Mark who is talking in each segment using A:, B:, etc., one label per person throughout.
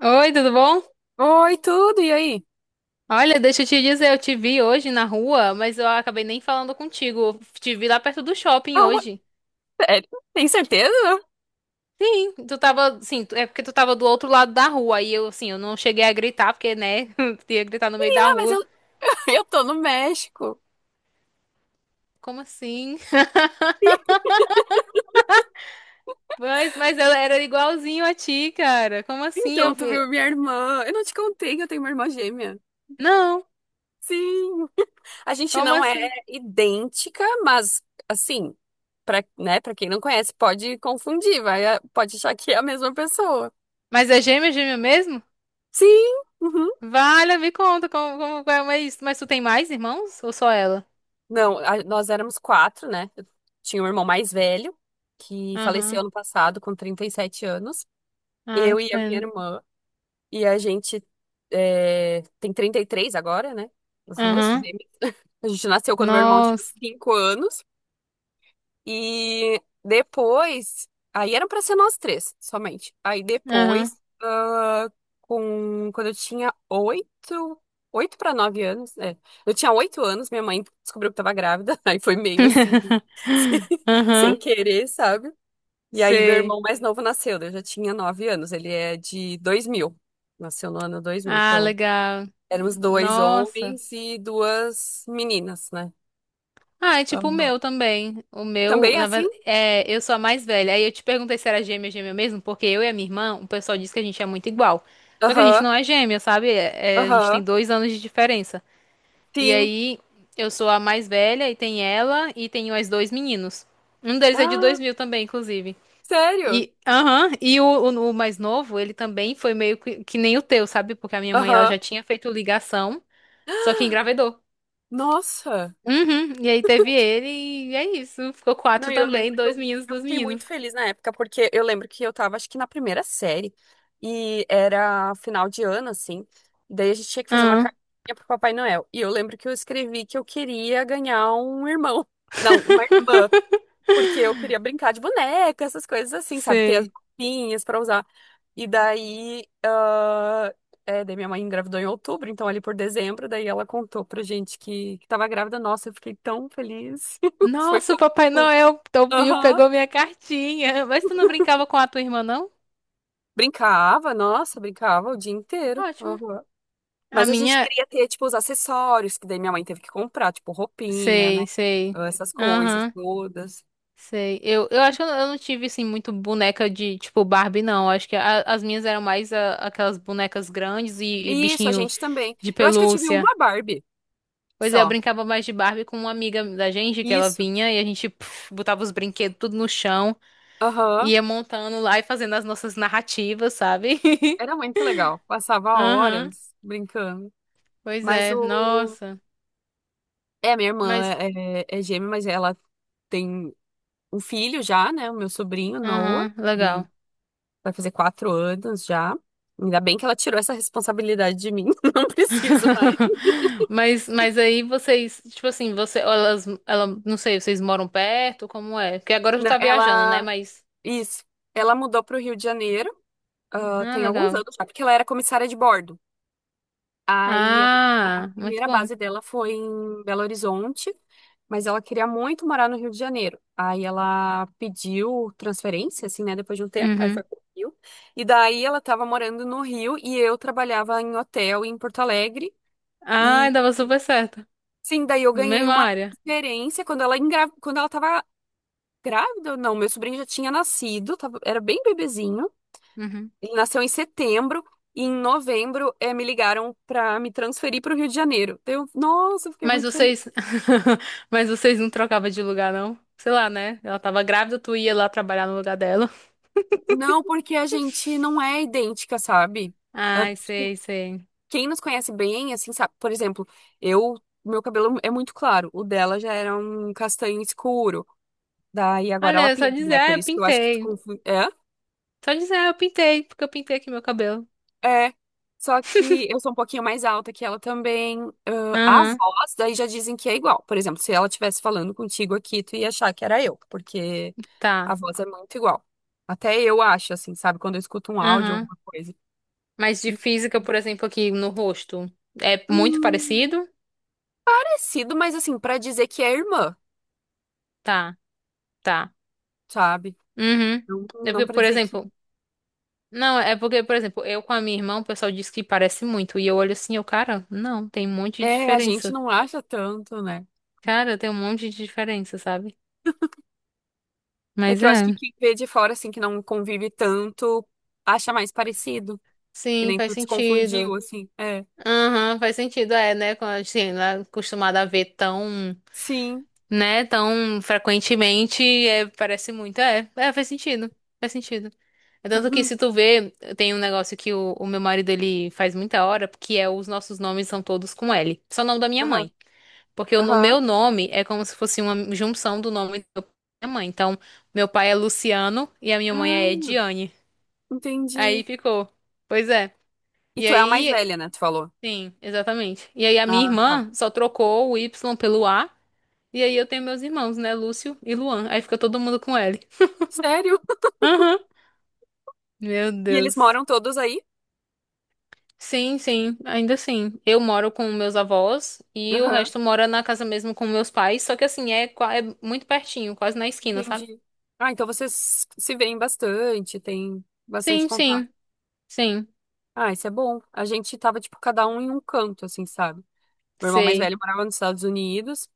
A: Oi, tudo bom?
B: Oi, tudo, e aí?
A: Olha, deixa eu te dizer, eu te vi hoje na rua, mas eu acabei nem falando contigo. Eu te vi lá perto do shopping
B: Oh,
A: hoje.
B: sério? Tem certeza?
A: Tu tava, sim, é porque tu tava do outro lado da rua. Aí eu, assim, eu não cheguei a gritar, porque, né, ia gritar no meio da
B: Menina, mas
A: rua.
B: eu, eu tô no México.
A: Como assim? Mas ela era igualzinho a ti, cara. Como assim? Eu
B: Então, tu
A: vi.
B: viu minha irmã? Eu não te contei que eu tenho uma irmã gêmea.
A: Não,
B: Sim. A gente
A: como
B: não é
A: assim?
B: idêntica, mas, assim, pra, né, pra quem não conhece, pode confundir, vai, pode achar que é a mesma pessoa.
A: Mas é gêmea, gêmea mesmo?
B: Sim. Uhum.
A: Vale, me conta como é isso. Mas tu tem mais irmãos ou só ela?
B: Não, nós éramos quatro, né? Eu tinha um irmão mais velho, que faleceu
A: Aham.
B: ano passado com 37 anos.
A: Ai,
B: Eu
A: que
B: e a minha
A: pena.
B: irmã. E a gente é, tem 33 agora, né? As duas
A: Aham.
B: gêmeas. A gente nasceu quando meu irmão tinha
A: Nossa.
B: 5 anos. E depois. Aí eram pra ser nós três, somente. Aí
A: Aham.
B: depois, ah, quando eu tinha oito para 9 anos, é. Eu tinha 8 anos, minha mãe descobriu que tava grávida. Aí foi meio assim, sem, sem
A: Aham.
B: querer, sabe? E aí meu
A: Sei.
B: irmão mais novo nasceu, eu já tinha 9 anos. Ele é de 2000, nasceu no ano 2000.
A: Ah,
B: Então.
A: legal.
B: Éramos dois
A: Nossa.
B: homens e duas meninas, né?
A: Ah, é tipo o
B: Aham.
A: meu também. O meu,
B: Também é
A: na
B: assim?
A: verdade, é, eu sou a mais velha. Aí eu te perguntei se era gêmea, gêmea mesmo, porque eu e a minha irmã, o pessoal diz que a gente é muito igual. Só que a gente
B: Aham,
A: não é gêmea, sabe? É, a gente
B: aham,
A: tem 2 anos de diferença. E
B: sim.
A: aí, eu sou a mais velha e tem ela e tem mais dois meninos. Um deles é de
B: Ah,
A: 2000 também, inclusive.
B: sério?
A: E, aham, e o mais novo, ele também foi meio que nem o teu, sabe? Porque a minha mãe, ela
B: Aham.
A: já tinha feito ligação, só que engravidou.
B: Nossa.
A: Uhum, e aí teve ele e é isso. Ficou
B: Não,
A: quatro
B: e eu lembro
A: também,
B: que
A: dois
B: eu,
A: meninos,
B: eu
A: dois
B: fiquei muito
A: meninos.
B: feliz na época, porque eu lembro que eu tava, acho que na primeira série, e era final de ano, assim, daí a gente tinha que fazer uma
A: Aham,
B: cartinha pro Papai Noel. E eu lembro que eu escrevi que eu queria ganhar um irmão. Não, uma irmã. Porque eu queria brincar de boneca, essas coisas assim, sabe? Ter as
A: sei.
B: roupinhas pra usar. E daí, ah, é, daí minha mãe engravidou em outubro, então ali por dezembro, daí ela contou pra gente que tava grávida. Nossa, eu fiquei tão feliz. Foi
A: Nossa, o Papai
B: como...
A: Noel, teu Bill
B: Aham.
A: pegou minha cartinha. Mas tu não brincava com a tua irmã, não?
B: Brincava, nossa, brincava o dia inteiro.
A: Ótimo.
B: Aham.
A: A
B: Mas a gente
A: minha,
B: queria ter, tipo, os acessórios, que daí minha mãe teve que comprar, tipo, roupinha, né?
A: sei, sei.
B: Essas coisas
A: Aham.
B: todas.
A: Sei. Eu acho que eu não tive, assim, muito boneca de, tipo, Barbie, não. Acho que as minhas eram mais aquelas bonecas grandes e
B: Isso, a
A: bichinho
B: gente também.
A: de
B: Eu acho que eu tive
A: pelúcia.
B: uma Barbie
A: Pois é, eu
B: só.
A: brincava mais de Barbie com uma amiga da gente, que ela
B: Isso.
A: vinha e a gente puf, botava os brinquedos tudo no chão,
B: Aham.
A: ia montando lá e fazendo as nossas narrativas, sabe?
B: Era muito legal. Passava
A: Aham.
B: horas brincando.
A: Pois
B: Mas
A: é,
B: o.
A: nossa.
B: É, minha irmã
A: Mas,
B: é gêmea, mas ela tem um filho já, né? O meu sobrinho, Noah,
A: aham,
B: que
A: legal.
B: vai fazer 4 anos já. Ainda bem que ela tirou essa responsabilidade de mim. Não preciso mais.
A: Mas aí vocês, tipo assim, você, elas, ela, não sei, vocês moram perto, como é? Porque agora tu tá viajando, né?
B: Ela.
A: Mas,
B: Isso. Ela mudou para o Rio de Janeiro, ah,
A: ah,
B: tem alguns
A: legal.
B: anos já, porque ela era comissária de bordo. Aí a
A: Ah, muito
B: primeira
A: bom.
B: base dela foi em Belo Horizonte, mas ela queria muito morar no Rio de Janeiro. Aí ela pediu transferência, assim, né, depois de um tempo, aí foi
A: Uhum.
B: pro Rio. E daí ela estava morando no Rio e eu trabalhava em hotel em Porto Alegre.
A: Ah,
B: E
A: dava super certo.
B: sim, daí eu ganhei
A: Mesma
B: uma
A: área.
B: transferência quando ela tava grávida, não, meu sobrinho já tinha nascido, era bem bebezinho.
A: Uhum.
B: Ele nasceu em setembro e em novembro me ligaram para me transferir para o Rio de Janeiro. Daí eu, nossa, eu fiquei
A: Mas
B: muito feliz.
A: vocês, mas vocês não trocavam de lugar, não? Sei lá, né? Ela tava grávida, tu ia lá trabalhar no lugar dela.
B: Não, porque a gente não é idêntica, sabe? Ah,
A: Ai,
B: tipo,
A: sei, sei.
B: quem nos conhece bem, assim, sabe? Por exemplo, eu, meu cabelo é muito claro, o dela já era um castanho escuro. Daí agora ela
A: Olha, só
B: pinta,
A: dizer,
B: né?
A: ah,
B: Por
A: eu
B: isso que eu acho que tu
A: pintei.
B: confunde.
A: Só dizer, ah, eu pintei, porque eu pintei aqui meu cabelo.
B: É, só que eu sou um pouquinho mais alta que ela também. Ah, a
A: Aham,
B: voz, daí já dizem que é igual. Por exemplo, se ela estivesse falando contigo aqui, tu ia achar que era eu, porque a
A: tá.
B: voz é muito igual. Até eu acho, assim, sabe? Quando eu escuto um áudio,
A: Aham.
B: alguma coisa.
A: Mas de
B: E,
A: física, por exemplo, aqui no rosto, é muito
B: hum,
A: parecido?
B: parecido, mas assim, pra dizer que é irmã,
A: Tá, tá.
B: sabe?
A: Uhum.
B: Não,
A: É
B: não
A: porque,
B: pra
A: por
B: dizer que.
A: exemplo, não, é porque, por exemplo, eu com a minha irmã, o pessoal diz que parece muito, e eu olho assim, eu, cara, não, tem um monte de
B: É, a gente
A: diferença.
B: não acha tanto, né?
A: Cara, tem um monte de diferença, sabe?
B: É
A: Mas
B: que eu acho que
A: é.
B: quem vê de fora, assim, que não convive tanto, acha mais parecido. Que
A: Sim,
B: nem
A: faz
B: tu se confundiu,
A: sentido.
B: assim. É.
A: Aham, faz sentido, é, né? Quando a gente não é acostumada a ver tão,
B: Sim.
A: né, tão frequentemente, é, parece muito. É, é, faz sentido. Faz sentido. É Tanto que
B: Uhum.
A: se tu vê, tem um negócio que o meu marido ele faz muita hora, que é os nossos nomes são todos com L. Só o nome da minha
B: Aham.
A: mãe. Porque o no-
B: Aham.
A: meu nome é como se fosse uma junção do nome da minha mãe. Então, meu pai é Luciano e a minha mãe é
B: Ah,
A: Ediane. Aí
B: entendi.
A: ficou. Pois é.
B: E
A: E
B: tu é a mais
A: aí,
B: velha, né? Tu falou.
A: sim, exatamente. E aí a minha
B: Ah, tá.
A: irmã só trocou o Y pelo A. E aí eu tenho meus irmãos, né? Lúcio e Luan. Aí fica todo mundo com L.
B: Sério?
A: Aham. Meu
B: E eles
A: Deus.
B: moram todos aí?
A: Sim, sim, ainda assim. Eu moro com meus avós e o
B: Aham.
A: resto mora na casa mesmo com meus pais, só que assim, é muito pertinho, quase na esquina, sabe?
B: Entendi. Ah, então vocês se veem bastante, tem bastante
A: Sim,
B: contato.
A: sim, sim.
B: Ah, isso é bom. A gente tava, tipo, cada um em um canto, assim, sabe? Meu irmão mais
A: Sei.
B: velho morava nos Estados Unidos,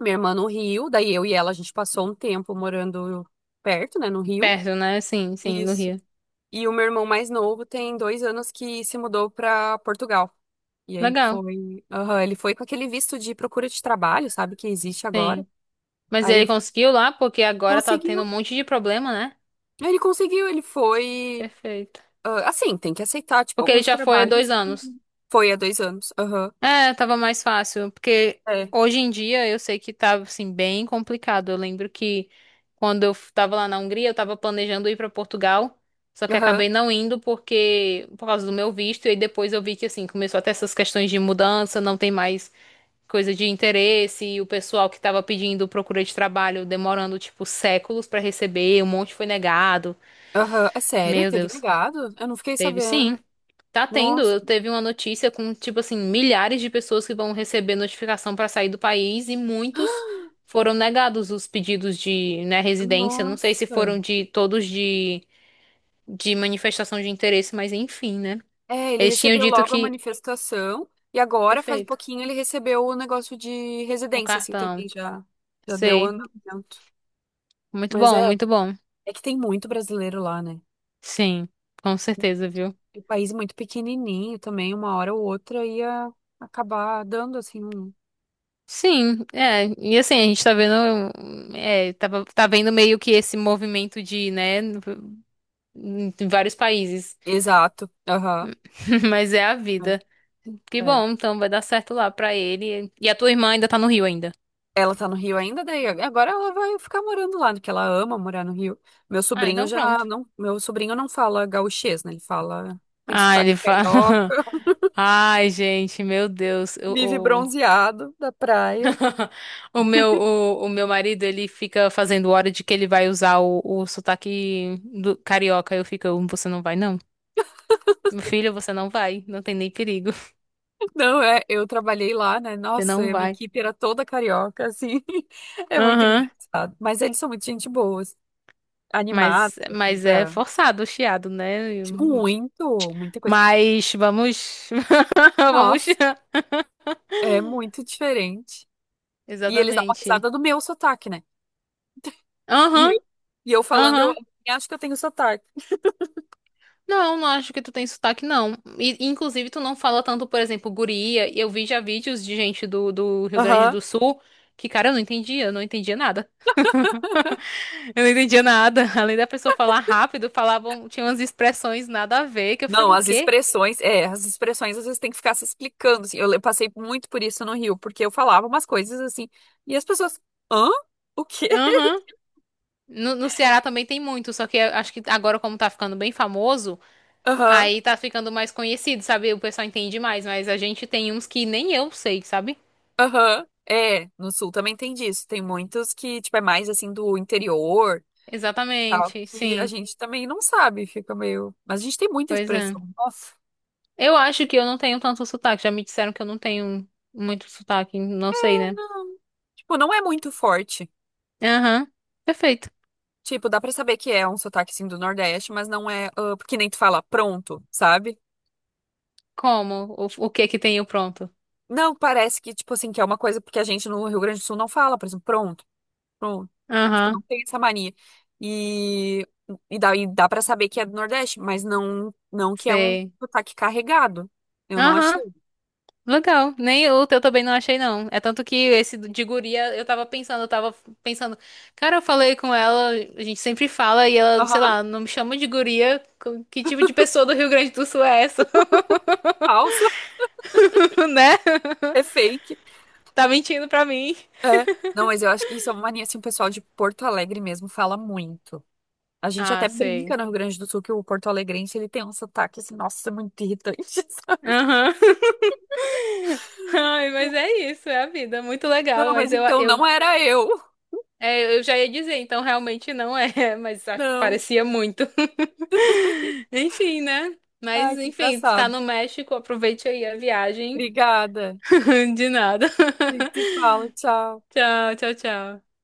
B: minha irmã no Rio, daí eu e ela, a gente passou um tempo morando perto, né, no Rio.
A: Perto, né? Sim, sim, no
B: Isso.
A: Rio.
B: E o meu irmão mais novo tem 2 anos que se mudou para Portugal. E aí
A: Legal,
B: foi. Aham, ele foi com aquele visto de procura de trabalho, sabe, que existe agora.
A: sim. Mas ele
B: Aí
A: conseguiu lá porque agora tá tendo
B: conseguiu.
A: um monte de problema, né?
B: Ele conseguiu, ele foi.
A: Perfeito.
B: Ah, assim, tem que aceitar, tipo,
A: Porque ele
B: alguns
A: já foi há dois
B: trabalhos.
A: anos.
B: Foi há 2 anos. Aham.
A: É, tava mais fácil, porque
B: É.
A: hoje em dia eu sei que tava assim bem complicado. Eu lembro que quando eu tava lá na Hungria, eu tava planejando ir pra Portugal, só que
B: Aham.
A: acabei não indo porque por causa do meu visto, e aí depois eu vi que assim começou até essas questões de mudança, não tem mais coisa de interesse, e o pessoal que tava pedindo procura de trabalho demorando tipo séculos pra receber, um monte foi negado.
B: Aham. É sério?
A: Meu
B: Teve
A: Deus,
B: negado? Eu não fiquei
A: teve sim.
B: sabendo.
A: Tá tendo,
B: Nossa,
A: eu teve uma notícia com, tipo assim, milhares de pessoas que vão receber notificação pra sair do país e muitos foram negados os pedidos de, né, residência. Não sei se
B: nossa.
A: foram de todos de manifestação de interesse, mas enfim, né?
B: É, ele
A: Eles tinham
B: recebeu
A: dito
B: logo a
A: que.
B: manifestação e agora, faz um
A: Perfeito.
B: pouquinho, ele recebeu o negócio de
A: O
B: residência, assim,
A: cartão.
B: também já, já deu
A: Sei.
B: andamento.
A: Muito
B: Mas é,
A: bom, muito bom.
B: é que tem muito brasileiro lá, né?
A: Sim, com certeza, viu?
B: E o país é muito pequenininho também, uma hora ou outra ia acabar dando, assim, um...
A: Sim, é, e assim, a gente tá vendo, é, tá vendo meio que esse movimento de, né, em vários países.
B: Exato, aham.
A: Mas é a vida. Que
B: É.
A: bom, então vai dar certo lá pra ele. E a tua irmã ainda tá no Rio ainda.
B: Ela tá no Rio ainda, daí agora ela vai ficar morando lá, né, porque ela ama morar no Rio. Meu
A: Ah,
B: sobrinho
A: então
B: já
A: pronto.
B: não, meu sobrinho não fala gauchês, né? Ele fala, tem
A: Ah,
B: sotaque
A: ele fala.
B: carioca.
A: Ai, gente, meu Deus.
B: Vive bronzeado da praia.
A: O meu marido, ele fica fazendo hora de que ele vai usar o sotaque do carioca. Eu fico, você não vai, não? Meu filho, você não vai. Não tem nem perigo.
B: Não, é, eu trabalhei lá, né?
A: Você
B: Nossa,
A: não
B: a minha
A: vai.
B: equipe era toda carioca, assim. É muito
A: Aham.
B: engraçado. Mas eles são muito gente boas animados,
A: Mas,
B: assim,
A: mas é
B: pra...
A: forçado o chiado, né?
B: Muito, muita coisa.
A: Mas vamos. Vamos.
B: Nossa, é muito diferente. E eles dão uma
A: Exatamente.
B: risada do meu sotaque, né? E
A: Aham,
B: eu, e eu falando, eu
A: aham.
B: acho que eu tenho sotaque.
A: Não, não acho que tu tem sotaque, não. E, inclusive, tu não fala tanto, por exemplo, guria. E eu vi já vídeos de gente do Rio Grande
B: Aham.
A: do Sul que, cara, eu não entendia nada. Eu não entendia nada. Além da pessoa falar rápido, falavam, tinha umas expressões nada a ver, que eu
B: Não,
A: ficava, o
B: as
A: quê?
B: expressões, é, as expressões às vezes tem que ficar se explicando, assim. Passei muito por isso no Rio, porque eu falava umas coisas assim, e as pessoas, hã? O quê?
A: Aham. No Ceará também tem muito, só que eu acho que agora, como tá ficando bem famoso,
B: Aham,
A: aí tá ficando mais conhecido, sabe? O pessoal entende mais, mas a gente tem uns que nem eu sei, sabe?
B: aham. É, no Sul também tem disso. Tem muitos que, tipo, é mais assim do interior, tal,
A: Exatamente,
B: que a
A: sim.
B: gente também não sabe, fica meio. Mas a gente tem muita
A: Pois é.
B: expressão. Nossa,
A: Eu acho que eu não tenho tanto sotaque. Já me disseram que eu não tenho muito sotaque, não sei, né?
B: não, tipo, não é muito forte.
A: Aham. Perfeito.
B: Tipo, dá pra saber que é um sotaque assim do Nordeste, mas não é, ah, porque nem tu fala pronto, sabe?
A: Como? O que que tenho pronto?
B: Não, parece que, tipo assim, que é uma coisa porque a gente no Rio Grande do Sul não fala, por exemplo, pronto, pronto. Tipo,
A: Aham.
B: não tem essa mania. E, e dá pra saber que é do Nordeste, mas não, não que é um
A: Sei.
B: sotaque carregado. Eu não achei.
A: Aham. Legal. Nem o teu também não achei, não. É tanto que esse de guria, eu tava pensando, eu tava pensando. Cara, eu falei com ela, a gente sempre fala, e ela, sei
B: Aham.
A: lá, não me chama de guria. Que tipo de pessoa do Rio Grande do Sul é essa,
B: Falso,
A: né?
B: é fake.
A: Tá mentindo pra mim.
B: Não, mas eu acho que isso é uma mania, assim, o pessoal de Porto Alegre mesmo fala muito. A gente
A: Ah,
B: até
A: sei.
B: brinca no Rio Grande do Sul que o porto-alegrense, ele tem um sotaque, assim, nossa, muito irritante. sabe?
A: Aham. Ai, mas é isso, é a vida. Muito legal,
B: Não, mas
A: mas eu,
B: então
A: eu,
B: não era eu.
A: é, eu já ia dizer, então realmente não é, mas
B: Não.
A: parecia muito. Enfim, né? Mas
B: Ai, que
A: enfim, tu tá
B: engraçado.
A: no México, aproveite aí a viagem.
B: Obrigada.
A: De nada.
B: A gente se fala, tchau.
A: Tchau, tchau, tchau.